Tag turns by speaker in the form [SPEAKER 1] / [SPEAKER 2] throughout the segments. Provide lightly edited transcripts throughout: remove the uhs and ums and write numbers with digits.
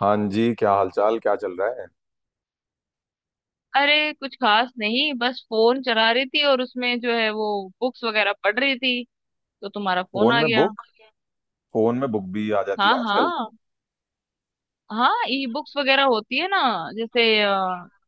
[SPEAKER 1] हाँ जी, क्या हालचाल? क्या चल रहा है?
[SPEAKER 2] अरे कुछ खास नहीं, बस फोन चला रही थी और उसमें जो है वो बुक्स वगैरह पढ़ रही थी तो तुम्हारा फोन
[SPEAKER 1] फोन
[SPEAKER 2] आ
[SPEAKER 1] में
[SPEAKER 2] गया।
[SPEAKER 1] बुक फोन में बुक भी आ जाती
[SPEAKER 2] हाँ,
[SPEAKER 1] है आजकल?
[SPEAKER 2] हाँ। हाँ, ई बुक्स वगैरह होती है ना। जैसे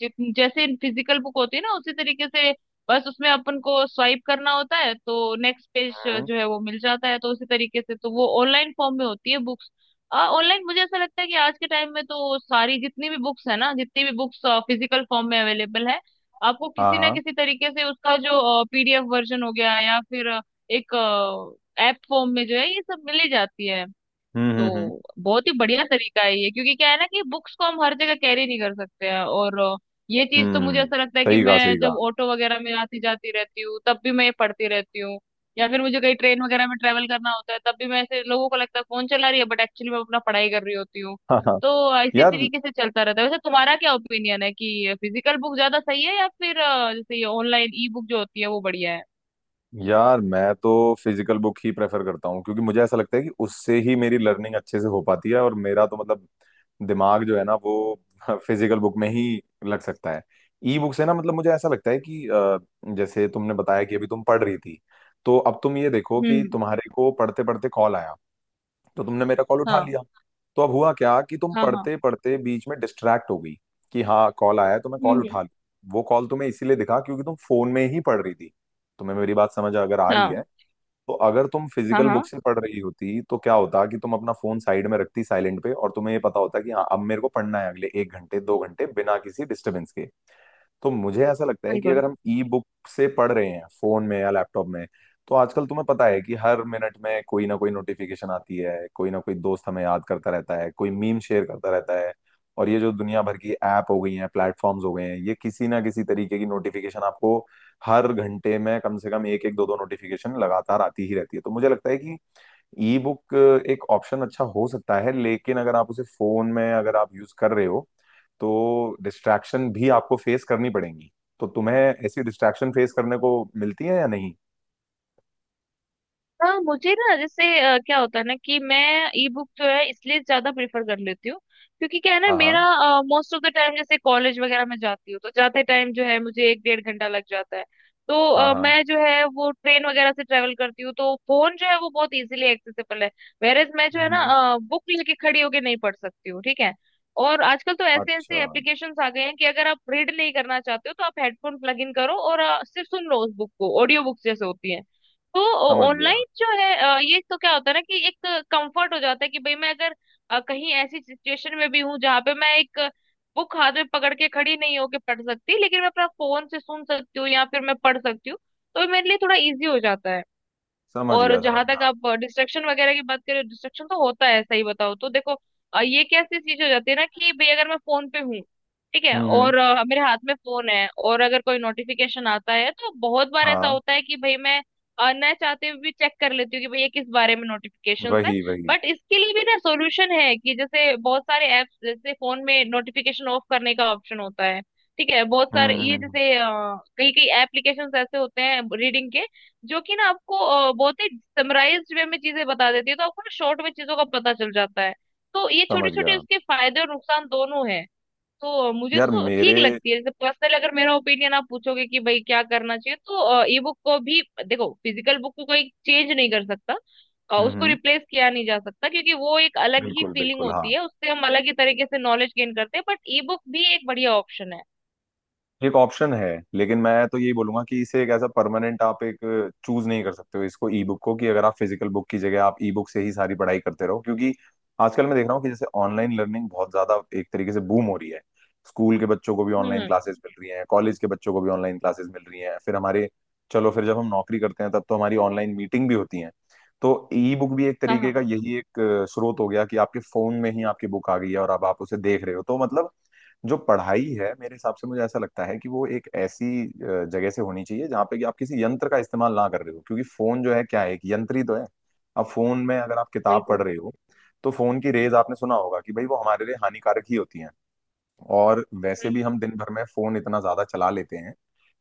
[SPEAKER 2] जैसे फिजिकल बुक होती है ना उसी तरीके से, बस उसमें अपन को स्वाइप करना होता है तो नेक्स्ट पेज
[SPEAKER 1] हम्म।
[SPEAKER 2] जो है वो मिल जाता है, तो उसी तरीके से तो वो ऑनलाइन फॉर्म में होती है बुक्स। ऑनलाइन, मुझे ऐसा लगता है कि आज के टाइम में तो सारी, जितनी भी बुक्स है ना, जितनी भी बुक्स फिजिकल फॉर्म में अवेलेबल है, आपको
[SPEAKER 1] हाँ
[SPEAKER 2] किसी ना
[SPEAKER 1] हाँ।
[SPEAKER 2] किसी तरीके से उसका जो पीडीएफ वर्जन हो गया, या फिर एक ऐप फॉर्म में जो है, ये सब मिल ही जाती है।
[SPEAKER 1] हम्म हम्म हम्म
[SPEAKER 2] तो बहुत ही बढ़िया तरीका है ये, क्योंकि क्या है ना कि बुक्स को हम हर जगह कैरी नहीं कर सकते हैं। और ये चीज तो मुझे
[SPEAKER 1] हम्म।
[SPEAKER 2] ऐसा लगता है कि
[SPEAKER 1] सही कहा,
[SPEAKER 2] मैं
[SPEAKER 1] सही कहा।
[SPEAKER 2] जब ऑटो वगैरह में आती जाती रहती हूँ तब भी मैं ये पढ़ती रहती हूँ। या फिर मुझे कहीं ट्रेन वगैरह में ट्रेवल करना होता है, तब भी मैं, ऐसे लोगों को लगता है फोन चला रही है, बट एक्चुअली मैं अपना पढ़ाई कर रही होती हूँ।
[SPEAKER 1] हाँ हाँ।
[SPEAKER 2] तो इसी
[SPEAKER 1] यार।
[SPEAKER 2] तरीके से चलता रहता है। वैसे तुम्हारा क्या ओपिनियन है कि फिजिकल बुक ज्यादा सही है या फिर जैसे ये ऑनलाइन ई बुक जो होती है वो बढ़िया है?
[SPEAKER 1] यार, मैं तो फिजिकल बुक ही प्रेफर करता हूँ क्योंकि मुझे ऐसा लगता है कि उससे ही मेरी लर्निंग अच्छे से हो पाती है। और मेरा तो मतलब दिमाग जो है ना वो फिजिकल बुक में ही लग सकता है। ई बुक से ना मतलब मुझे ऐसा लगता है कि जैसे तुमने बताया कि अभी तुम पढ़ रही थी। तो अब तुम ये देखो कि
[SPEAKER 2] हम्म।
[SPEAKER 1] तुम्हारे को पढ़ते पढ़ते कॉल आया, तो तुमने मेरा कॉल उठा
[SPEAKER 2] हाँ,
[SPEAKER 1] लिया। तो अब हुआ क्या कि तुम
[SPEAKER 2] हाँ, हाँ।
[SPEAKER 1] पढ़ते पढ़ते बीच में डिस्ट्रैक्ट हो गई कि हाँ कॉल आया है तो मैं
[SPEAKER 2] हम्म,
[SPEAKER 1] कॉल
[SPEAKER 2] हम्म।
[SPEAKER 1] उठा लूँ। वो कॉल तुम्हें इसीलिए दिखा क्योंकि तुम फोन में ही पढ़ रही थी। तुम्हें मेरी बात समझ अगर आ रही
[SPEAKER 2] हाँ,
[SPEAKER 1] है तो अगर तुम
[SPEAKER 2] हाँ,
[SPEAKER 1] फिजिकल बुक
[SPEAKER 2] हाँ।
[SPEAKER 1] से पढ़ रही होती तो क्या होता कि तुम अपना फोन साइड में रखती साइलेंट पे, और तुम्हें ये पता होता कि हाँ अब मेरे को पढ़ना है अगले एक घंटे दो घंटे बिना किसी डिस्टर्बेंस के। तो मुझे ऐसा लगता है कि
[SPEAKER 2] बिल्कुल।
[SPEAKER 1] अगर हम ई बुक से पढ़ रहे हैं फोन में या लैपटॉप में, तो आजकल तुम्हें पता है कि हर मिनट में कोई ना कोई नोटिफिकेशन आती है, कोई ना कोई दोस्त हमें याद करता रहता है, कोई मीम शेयर करता रहता है। और ये जो दुनिया भर की ऐप हो गई हैं, प्लेटफॉर्म्स हो गए हैं, ये किसी ना किसी तरीके की नोटिफिकेशन आपको हर घंटे में कम से कम एक एक दो दो नोटिफिकेशन लगातार आती ही रहती है। तो मुझे लगता है कि ई बुक एक ऑप्शन अच्छा हो सकता है, लेकिन अगर आप उसे फोन में अगर आप यूज कर रहे हो तो डिस्ट्रैक्शन भी आपको फेस करनी पड़ेंगी। तो तुम्हें ऐसी डिस्ट्रैक्शन फेस करने को मिलती है या नहीं?
[SPEAKER 2] हाँ, मुझे ना, जैसे क्या होता है ना कि मैं ई बुक जो है इसलिए ज्यादा प्रेफर कर लेती हूँ, क्योंकि क्या है ना,
[SPEAKER 1] हाँ हाँ
[SPEAKER 2] मेरा मोस्ट ऑफ द टाइम जैसे कॉलेज वगैरह में जाती हूँ तो जाते टाइम जो है मुझे एक डेढ़ घंटा लग जाता है। तो
[SPEAKER 1] हाँ हाँ।
[SPEAKER 2] मैं जो है वो ट्रेन वगैरह से ट्रेवल करती हूँ तो फोन जो है वो बहुत इजीली एक्सेसिबल है। वेरेज मैं जो है
[SPEAKER 1] हम्म।
[SPEAKER 2] ना, बुक लेके खड़ी होके नहीं पढ़ सकती हूँ, ठीक है। और आजकल तो ऐसे
[SPEAKER 1] अच्छा।
[SPEAKER 2] ऐसे एप्लीकेशंस आ गए हैं कि अगर आप रीड नहीं करना चाहते हो तो आप हेडफोन प्लग इन करो और सिर्फ सुन लो उस बुक को, ऑडियो बुक्स जैसे होती है। तो
[SPEAKER 1] समझ गया,
[SPEAKER 2] ऑनलाइन जो है, ये तो क्या होता है ना कि एक कंफर्ट हो जाता है कि भाई मैं अगर कहीं ऐसी सिचुएशन में भी हूँ जहाँ पे मैं एक बुक हाथ में पकड़ के खड़ी नहीं होके पढ़ सकती, लेकिन मैं अपना फोन से सुन सकती हूँ या फिर मैं पढ़ सकती हूँ। तो ये मेरे लिए थोड़ा इजी हो जाता है।
[SPEAKER 1] समझ
[SPEAKER 2] और
[SPEAKER 1] गया, समझ
[SPEAKER 2] जहां तक
[SPEAKER 1] गया।
[SPEAKER 2] आप डिस्ट्रक्शन वगैरह की बात करें, डिस्ट्रक्शन तो होता है, सही बताओ तो देखो, ये कैसी चीज हो जाती है ना कि भाई अगर मैं फोन पे हूँ, ठीक है,
[SPEAKER 1] हम्म।
[SPEAKER 2] और मेरे हाथ में फोन है और अगर कोई नोटिफिकेशन आता है तो बहुत बार ऐसा
[SPEAKER 1] हाँ।
[SPEAKER 2] होता है कि भाई मैं न चाहते हुए भी चेक कर लेती हूँ कि भाई ये किस बारे में नोटिफिकेशन है।
[SPEAKER 1] वही, वही।
[SPEAKER 2] बट इसके लिए भी ना सोल्यूशन है कि जैसे बहुत सारे ऐप्स, जैसे फोन में नोटिफिकेशन ऑफ करने का ऑप्शन होता है, ठीक है। बहुत सारे ये
[SPEAKER 1] हम्म।
[SPEAKER 2] जैसे कई कई एप्लीकेशंस ऐसे होते हैं रीडिंग के, जो कि ना आपको बहुत ही समराइज्ड वे में चीजें बता देती है, तो आपको ना शॉर्ट में चीजों का पता चल जाता है। तो ये छोटे
[SPEAKER 1] समझ
[SPEAKER 2] छोटे
[SPEAKER 1] गया।
[SPEAKER 2] उसके फायदे और नुकसान दोनों हैं। तो मुझे
[SPEAKER 1] यार
[SPEAKER 2] तो
[SPEAKER 1] मेरे।
[SPEAKER 2] ठीक लगती है। जैसे पर्सनल, अगर मेरा ओपिनियन आप पूछोगे कि भाई क्या करना चाहिए, तो ई बुक को भी, देखो, फिजिकल बुक को कोई चेंज नहीं कर सकता, उसको
[SPEAKER 1] हम्म।
[SPEAKER 2] रिप्लेस किया नहीं जा सकता, क्योंकि वो एक अलग ही
[SPEAKER 1] बिल्कुल
[SPEAKER 2] फीलिंग
[SPEAKER 1] बिल्कुल। हाँ,
[SPEAKER 2] होती है, उससे हम अलग ही तरीके से नॉलेज गेन करते हैं, बट ई बुक भी एक बढ़िया ऑप्शन है।
[SPEAKER 1] एक ऑप्शन है। लेकिन मैं तो यही बोलूंगा कि इसे एक ऐसा परमानेंट आप एक चूज नहीं कर सकते हो इसको, ई बुक को, कि अगर आप फिजिकल बुक की जगह आप ई बुक से ही सारी पढ़ाई करते रहो। क्योंकि आजकल मैं देख रहा हूँ कि जैसे ऑनलाइन लर्निंग बहुत ज्यादा एक तरीके से बूम हो रही है। स्कूल के बच्चों को भी ऑनलाइन
[SPEAKER 2] हम्म।
[SPEAKER 1] क्लासेस मिल रही हैं, कॉलेज के बच्चों को भी ऑनलाइन क्लासेस मिल रही हैं। फिर हमारे, चलो फिर जब हम नौकरी करते हैं तब तो हमारी ऑनलाइन मीटिंग भी होती हैं। तो ई बुक भी एक
[SPEAKER 2] हाँ,
[SPEAKER 1] तरीके का
[SPEAKER 2] हाँ।
[SPEAKER 1] यही एक स्रोत हो गया कि आपके फोन में ही आपकी बुक आ गई है और अब आप उसे देख रहे हो। तो मतलब जो पढ़ाई है मेरे हिसाब से, मुझे ऐसा लगता है कि वो एक ऐसी जगह से होनी चाहिए जहाँ पे कि आप किसी यंत्र का इस्तेमाल ना कर रहे हो, क्योंकि फोन जो है क्या है, एक यंत्र ही तो है। अब फोन में अगर आप किताब पढ़
[SPEAKER 2] बिल्कुल।
[SPEAKER 1] रहे हो, तो फोन की रेज आपने सुना होगा कि भाई वो हमारे लिए हानिकारक ही होती हैं। और वैसे भी हम दिन
[SPEAKER 2] हम्म।
[SPEAKER 1] भर में फोन इतना ज्यादा चला लेते हैं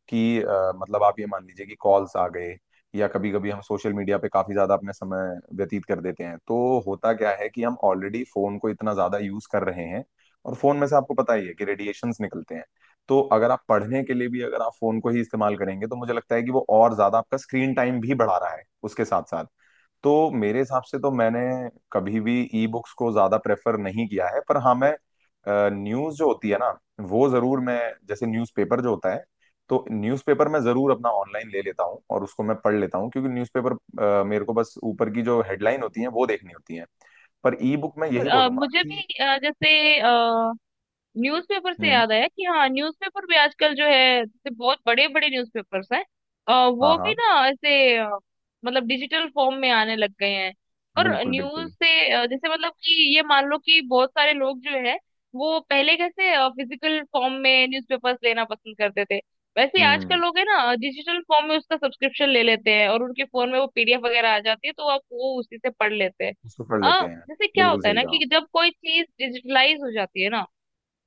[SPEAKER 1] कि मतलब आप ये मान लीजिए कि कॉल्स आ गए, या कभी कभी हम सोशल मीडिया पे काफी ज्यादा अपने समय व्यतीत कर देते हैं। तो होता क्या है कि हम ऑलरेडी फोन को इतना ज्यादा यूज कर रहे हैं, और फोन में से आपको पता ही है कि रेडिएशंस निकलते हैं। तो अगर आप पढ़ने के लिए भी अगर आप फोन को ही इस्तेमाल करेंगे तो मुझे लगता है कि वो और ज्यादा आपका स्क्रीन टाइम भी बढ़ा रहा है उसके साथ साथ। तो मेरे हिसाब से तो मैंने कभी भी ई बुक्स को ज्यादा प्रेफर नहीं किया है। पर हाँ मैं न्यूज जो होती है ना वो जरूर मैं, जैसे न्यूज़पेपर जो होता है, तो न्यूज़पेपर मैं जरूर अपना ऑनलाइन ले लेता हूँ और उसको मैं पढ़ लेता हूँ क्योंकि न्यूज़पेपर मेरे को बस ऊपर की जो हेडलाइन होती है वो देखनी होती है। पर ई बुक मैं यही बोलूंगा
[SPEAKER 2] मुझे भी
[SPEAKER 1] कि
[SPEAKER 2] जैसे न्यूज़पेपर से
[SPEAKER 1] हम्म।
[SPEAKER 2] याद आया कि हाँ, न्यूज़पेपर भी आजकल जो है, जैसे बहुत बड़े बड़े न्यूज़पेपर्स हैं, अ,
[SPEAKER 1] हाँ
[SPEAKER 2] वो भी
[SPEAKER 1] हाँ।
[SPEAKER 2] ना ऐसे मतलब डिजिटल फॉर्म में आने लग गए हैं। और
[SPEAKER 1] बिल्कुल
[SPEAKER 2] न्यूज़
[SPEAKER 1] बिल्कुल।
[SPEAKER 2] से जैसे मतलब कि ये मान लो कि बहुत सारे लोग जो है, वो पहले कैसे फिजिकल फॉर्म में न्यूज़पेपर्स लेना पसंद करते थे, वैसे ही आजकल
[SPEAKER 1] हम्म।
[SPEAKER 2] लोग है ना डिजिटल फॉर्म में उसका सब्सक्रिप्शन ले लेते हैं और उनके फोन में वो पीडीएफ वगैरह आ जाती है, तो आप वो उसी से पढ़ लेते हैं।
[SPEAKER 1] उसको पढ़ लेते हैं।
[SPEAKER 2] जैसे क्या
[SPEAKER 1] बिल्कुल
[SPEAKER 2] होता है
[SPEAKER 1] सही
[SPEAKER 2] ना
[SPEAKER 1] कहा।
[SPEAKER 2] कि जब कोई चीज डिजिटलाइज हो जाती है ना,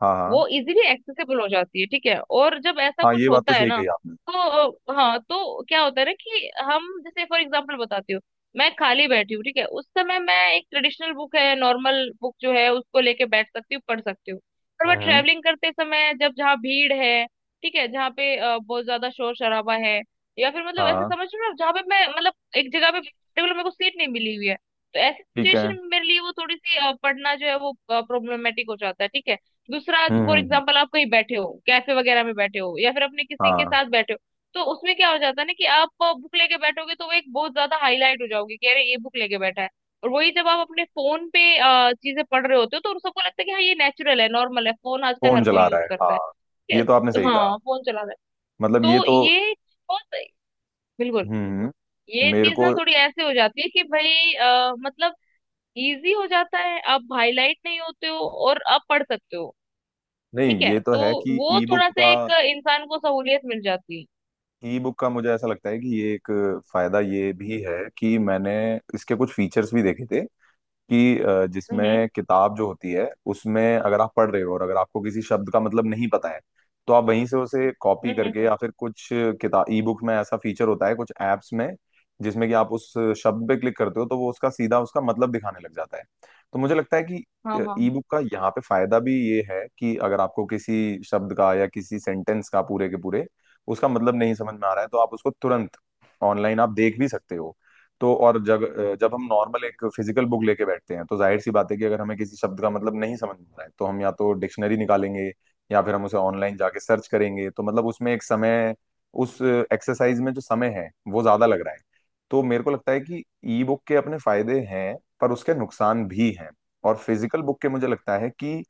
[SPEAKER 1] हाँ हाँ।
[SPEAKER 2] वो इजीली एक्सेसिबल हो जाती है, ठीक है। और जब ऐसा
[SPEAKER 1] हाँ
[SPEAKER 2] कुछ
[SPEAKER 1] ये बात तो
[SPEAKER 2] होता है
[SPEAKER 1] सही
[SPEAKER 2] ना,
[SPEAKER 1] कही आपने।
[SPEAKER 2] तो हाँ, तो क्या होता है ना कि हम जैसे, फॉर एग्जांपल बताती हूँ। मैं खाली बैठी हूँ, ठीक है, उस समय मैं एक ट्रेडिशनल बुक है, नॉर्मल बुक जो है, उसको लेके बैठ सकती हूँ, पढ़ सकती हूँ। पर मैं
[SPEAKER 1] हम्म।
[SPEAKER 2] ट्रेवलिंग करते समय, जब जहाँ भीड़ है, ठीक है, जहाँ पे बहुत ज्यादा शोर शराबा है, या फिर मतलब ऐसा
[SPEAKER 1] हाँ।
[SPEAKER 2] समझ लो ना जहाँ पे मैं, मतलब एक जगह पे टेबल मेरे को सीट नहीं मिली हुई है, तो ऐसी
[SPEAKER 1] ठीक है।
[SPEAKER 2] सिचुएशन में मेरे लिए वो थोड़ी सी पढ़ना जो है वो प्रॉब्लमेटिक हो जाता है, ठीक है। दूसरा, फॉर
[SPEAKER 1] हम्म।
[SPEAKER 2] एग्जाम्पल, आप कहीं बैठे हो, कैफे वगैरह में बैठे हो, या फिर अपने किसी के
[SPEAKER 1] हाँ,
[SPEAKER 2] साथ बैठे हो, तो उसमें क्या हो जाता है ना कि आप बुक लेके बैठोगे तो वो एक बहुत ज्यादा हाईलाइट हो जाओगे कि अरे ये बुक लेके बैठा है। और वही जब आप अपने फोन पे चीजें पढ़ रहे होते हो तो उन सबको लगता है कि हाँ, ये नेचुरल है, नॉर्मल है, फोन आजकल
[SPEAKER 1] फोन
[SPEAKER 2] हर
[SPEAKER 1] चला
[SPEAKER 2] कोई यूज
[SPEAKER 1] रहा है।
[SPEAKER 2] करता है।
[SPEAKER 1] हाँ, ये
[SPEAKER 2] ये-
[SPEAKER 1] तो आपने सही कहा।
[SPEAKER 2] हाँ, फोन चला रहा है।
[SPEAKER 1] मतलब ये
[SPEAKER 2] तो
[SPEAKER 1] तो,
[SPEAKER 2] ये बहुत- बिल्कुल,
[SPEAKER 1] हम्म,
[SPEAKER 2] ये
[SPEAKER 1] मेरे
[SPEAKER 2] चीज ना
[SPEAKER 1] को।
[SPEAKER 2] थोड़ी ऐसे हो जाती है कि भाई मतलब इजी हो जाता है, आप हाईलाइट नहीं होते हो और आप पढ़ सकते हो,
[SPEAKER 1] नहीं,
[SPEAKER 2] ठीक है।
[SPEAKER 1] ये तो
[SPEAKER 2] तो
[SPEAKER 1] है कि
[SPEAKER 2] वो
[SPEAKER 1] ई बुक
[SPEAKER 2] थोड़ा सा
[SPEAKER 1] का,
[SPEAKER 2] एक इंसान को सहूलियत मिल जाती है।
[SPEAKER 1] ई बुक का मुझे ऐसा लगता है कि ये एक फायदा ये भी है कि मैंने इसके कुछ फीचर्स भी देखे थे कि
[SPEAKER 2] हम्म,
[SPEAKER 1] जिसमें किताब जो होती है उसमें अगर आप पढ़ रहे हो और अगर आपको किसी शब्द का मतलब नहीं पता है, तो आप वहीं से उसे कॉपी
[SPEAKER 2] हम्म,
[SPEAKER 1] करके या फिर कुछ किताब ई बुक में ऐसा फीचर होता है कुछ ऐप्स में जिसमें कि आप उस शब्द पे क्लिक करते हो तो वो उसका सीधा उसका मतलब दिखाने लग जाता है। तो मुझे लगता है कि
[SPEAKER 2] हाँ, हाँ,
[SPEAKER 1] ई
[SPEAKER 2] हाँ।
[SPEAKER 1] बुक का यहाँ पे फायदा भी ये है कि अगर आपको किसी शब्द का या किसी सेंटेंस का पूरे के पूरे उसका मतलब नहीं समझ में आ रहा है तो आप उसको तुरंत ऑनलाइन आप देख भी सकते हो। तो और जब जब हम नॉर्मल एक फिजिकल बुक लेके बैठते हैं तो जाहिर सी बात है कि अगर हमें किसी शब्द का मतलब नहीं समझ में आ रहा है तो हम या तो डिक्शनरी निकालेंगे या फिर हम उसे ऑनलाइन जाके सर्च करेंगे। तो मतलब उसमें एक समय, उस एक्सरसाइज में जो समय है वो ज्यादा लग रहा है। तो मेरे को लगता है कि ई बुक के अपने फायदे हैं पर उसके नुकसान भी हैं, और फिजिकल बुक के मुझे लगता है कि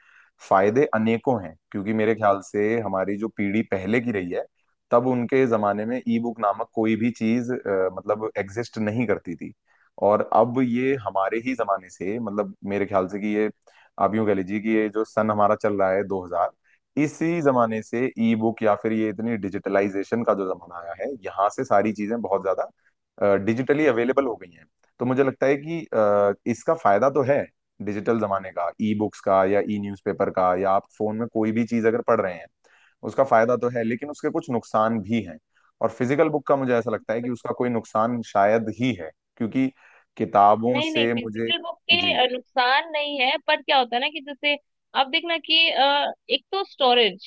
[SPEAKER 1] फायदे अनेकों हैं। क्योंकि मेरे ख्याल से हमारी जो पीढ़ी पहले की रही है, तब उनके जमाने में ई बुक नामक कोई भी चीज मतलब एग्जिस्ट नहीं करती थी। और अब ये हमारे ही जमाने से, मतलब मेरे ख्याल से कि ये, आप यूं कह लीजिए कि ये जो सन हमारा चल रहा है 2000, इसी जमाने से ई बुक या फिर ये इतनी डिजिटलाइजेशन का जो जमाना आया है, यहाँ से सारी चीजें बहुत ज्यादा डिजिटली अवेलेबल हो गई हैं। तो मुझे लगता है कि इसका फायदा तो है डिजिटल जमाने का, ई बुक्स का या ई न्यूज़पेपर का या आप फोन में कोई भी चीज अगर पढ़ रहे हैं, उसका फायदा तो है लेकिन उसके कुछ नुकसान भी हैं। और फिजिकल बुक का मुझे ऐसा लगता है कि उसका कोई नुकसान शायद ही है क्योंकि किताबों
[SPEAKER 2] नहीं, नहीं,
[SPEAKER 1] से मुझे।
[SPEAKER 2] फिजिकल बुक के
[SPEAKER 1] जी।
[SPEAKER 2] नुकसान नहीं है, पर क्या होता है ना कि जैसे आप देखना कि एक तो स्टोरेज,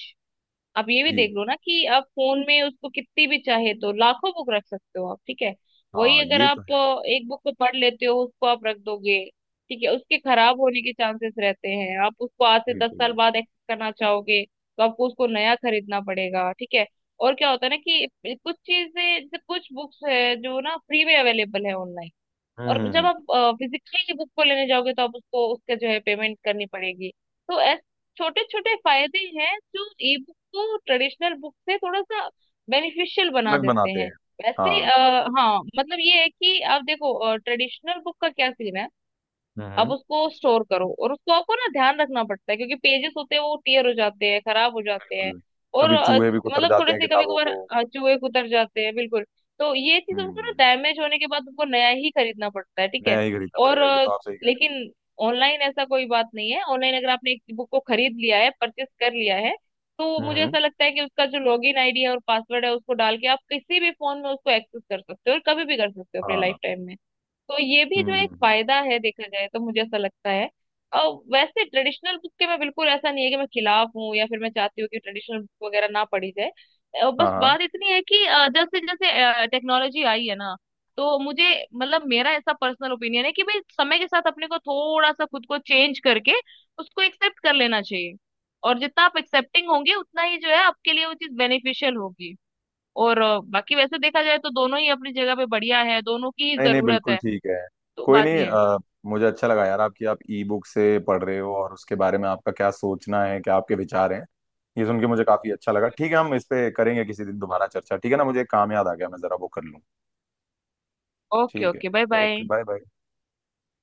[SPEAKER 2] आप ये भी
[SPEAKER 1] जी।
[SPEAKER 2] देख लो ना कि आप फोन में उसको कितनी भी चाहे तो लाखों बुक रख सकते हो आप, ठीक है। वही
[SPEAKER 1] हाँ
[SPEAKER 2] अगर
[SPEAKER 1] ये तो
[SPEAKER 2] आप
[SPEAKER 1] है।
[SPEAKER 2] एक बुक को पढ़ लेते हो, उसको आप रख दोगे, ठीक है, उसके खराब होने के चांसेस रहते हैं, आप उसको आज से 10 साल
[SPEAKER 1] बिल्कुल।
[SPEAKER 2] बाद एक्सेस करना चाहोगे तो आपको उसको नया खरीदना पड़ेगा, ठीक है। और क्या होता है ना कि कुछ चीजें, जैसे कुछ बुक्स है जो ना फ्री में अवेलेबल है ऑनलाइन,
[SPEAKER 1] हम्म
[SPEAKER 2] और
[SPEAKER 1] हम्म
[SPEAKER 2] जब
[SPEAKER 1] हम्म।
[SPEAKER 2] आप फिजिकली ही बुक को लेने जाओगे तो आप उसको उसके जो है पेमेंट करनी पड़ेगी। तो ऐसे छोटे छोटे फायदे हैं जो ई बुक को ट्रेडिशनल बुक से थोड़ा सा बेनिफिशियल बना
[SPEAKER 1] अलग
[SPEAKER 2] देते
[SPEAKER 1] बनाते
[SPEAKER 2] हैं।
[SPEAKER 1] हैं।
[SPEAKER 2] वैसे
[SPEAKER 1] हाँ।
[SPEAKER 2] हाँ, मतलब ये है कि आप देखो ट्रेडिशनल बुक का क्या सीन है, अब
[SPEAKER 1] हम्म।
[SPEAKER 2] उसको स्टोर करो और उसको आपको ना ध्यान रखना पड़ता है, क्योंकि पेजेस होते हैं, वो टीयर हो जाते हैं, खराब हो जाते हैं।
[SPEAKER 1] बिल्कुल।
[SPEAKER 2] और
[SPEAKER 1] कभी चूहे भी कुतर
[SPEAKER 2] मतलब
[SPEAKER 1] जाते
[SPEAKER 2] थोड़े
[SPEAKER 1] हैं
[SPEAKER 2] से कभी
[SPEAKER 1] किताबों
[SPEAKER 2] कभार
[SPEAKER 1] को।
[SPEAKER 2] चूहे कुतर जाते हैं, बिल्कुल। तो ये चीज उनको ना
[SPEAKER 1] हम्म।
[SPEAKER 2] डैमेज होने के बाद उनको नया ही खरीदना पड़ता है, ठीक है।
[SPEAKER 1] नया ही खरीदना
[SPEAKER 2] और
[SPEAKER 1] पड़ेगा, ये तो आप सही कह।
[SPEAKER 2] लेकिन ऑनलाइन ऐसा कोई बात नहीं है, ऑनलाइन अगर आपने एक बुक को खरीद लिया है, परचेस कर लिया है, तो
[SPEAKER 1] रहे हैं
[SPEAKER 2] मुझे ऐसा लगता है कि उसका जो लॉगिन आईडी है और पासवर्ड है उसको डाल के आप किसी भी फोन में उसको एक्सेस कर सकते हो, और कभी भी कर सकते हो अपने लाइफ
[SPEAKER 1] हाँ।
[SPEAKER 2] टाइम में। तो ये भी
[SPEAKER 1] हम्म
[SPEAKER 2] जो एक
[SPEAKER 1] हम्म हम्म।
[SPEAKER 2] फायदा है, देखा जाए तो, मुझे ऐसा लगता है। और वैसे ट्रेडिशनल बुक के, मैं बिल्कुल ऐसा नहीं है कि मैं खिलाफ हूँ या फिर मैं चाहती हूँ कि ट्रेडिशनल बुक वगैरह ना पढ़ी जाए।
[SPEAKER 1] हाँ
[SPEAKER 2] बस
[SPEAKER 1] हाँ।
[SPEAKER 2] बात इतनी है कि जैसे जैसे टेक्नोलॉजी आई है ना, तो मुझे, मतलब मेरा ऐसा पर्सनल ओपिनियन है कि भाई समय के साथ अपने को थोड़ा सा खुद को चेंज करके उसको एक्सेप्ट कर लेना चाहिए। और जितना आप एक्सेप्टिंग होंगे उतना ही जो है आपके लिए वो चीज बेनिफिशियल होगी। और बाकी वैसे देखा जाए तो दोनों ही अपनी जगह पे बढ़िया है, दोनों की ही
[SPEAKER 1] नहीं नहीं,
[SPEAKER 2] जरूरत
[SPEAKER 1] बिल्कुल
[SPEAKER 2] है।
[SPEAKER 1] ठीक है।
[SPEAKER 2] तो
[SPEAKER 1] कोई
[SPEAKER 2] बात
[SPEAKER 1] नहीं।
[SPEAKER 2] ये है।
[SPEAKER 1] मुझे अच्छा लगा यार, आपकी, आप ई बुक से पढ़ रहे हो और उसके बारे में आपका क्या सोचना है, क्या आपके विचार हैं, ये सुन के मुझे काफी अच्छा लगा। ठीक है, हम इस पे करेंगे किसी दिन दोबारा चर्चा, ठीक है ना? मुझे एक काम याद आ गया, मैं जरा वो कर लूँ।
[SPEAKER 2] ओके,
[SPEAKER 1] ठीक है।
[SPEAKER 2] Okay. Bye, bye.
[SPEAKER 1] Okay bye bye.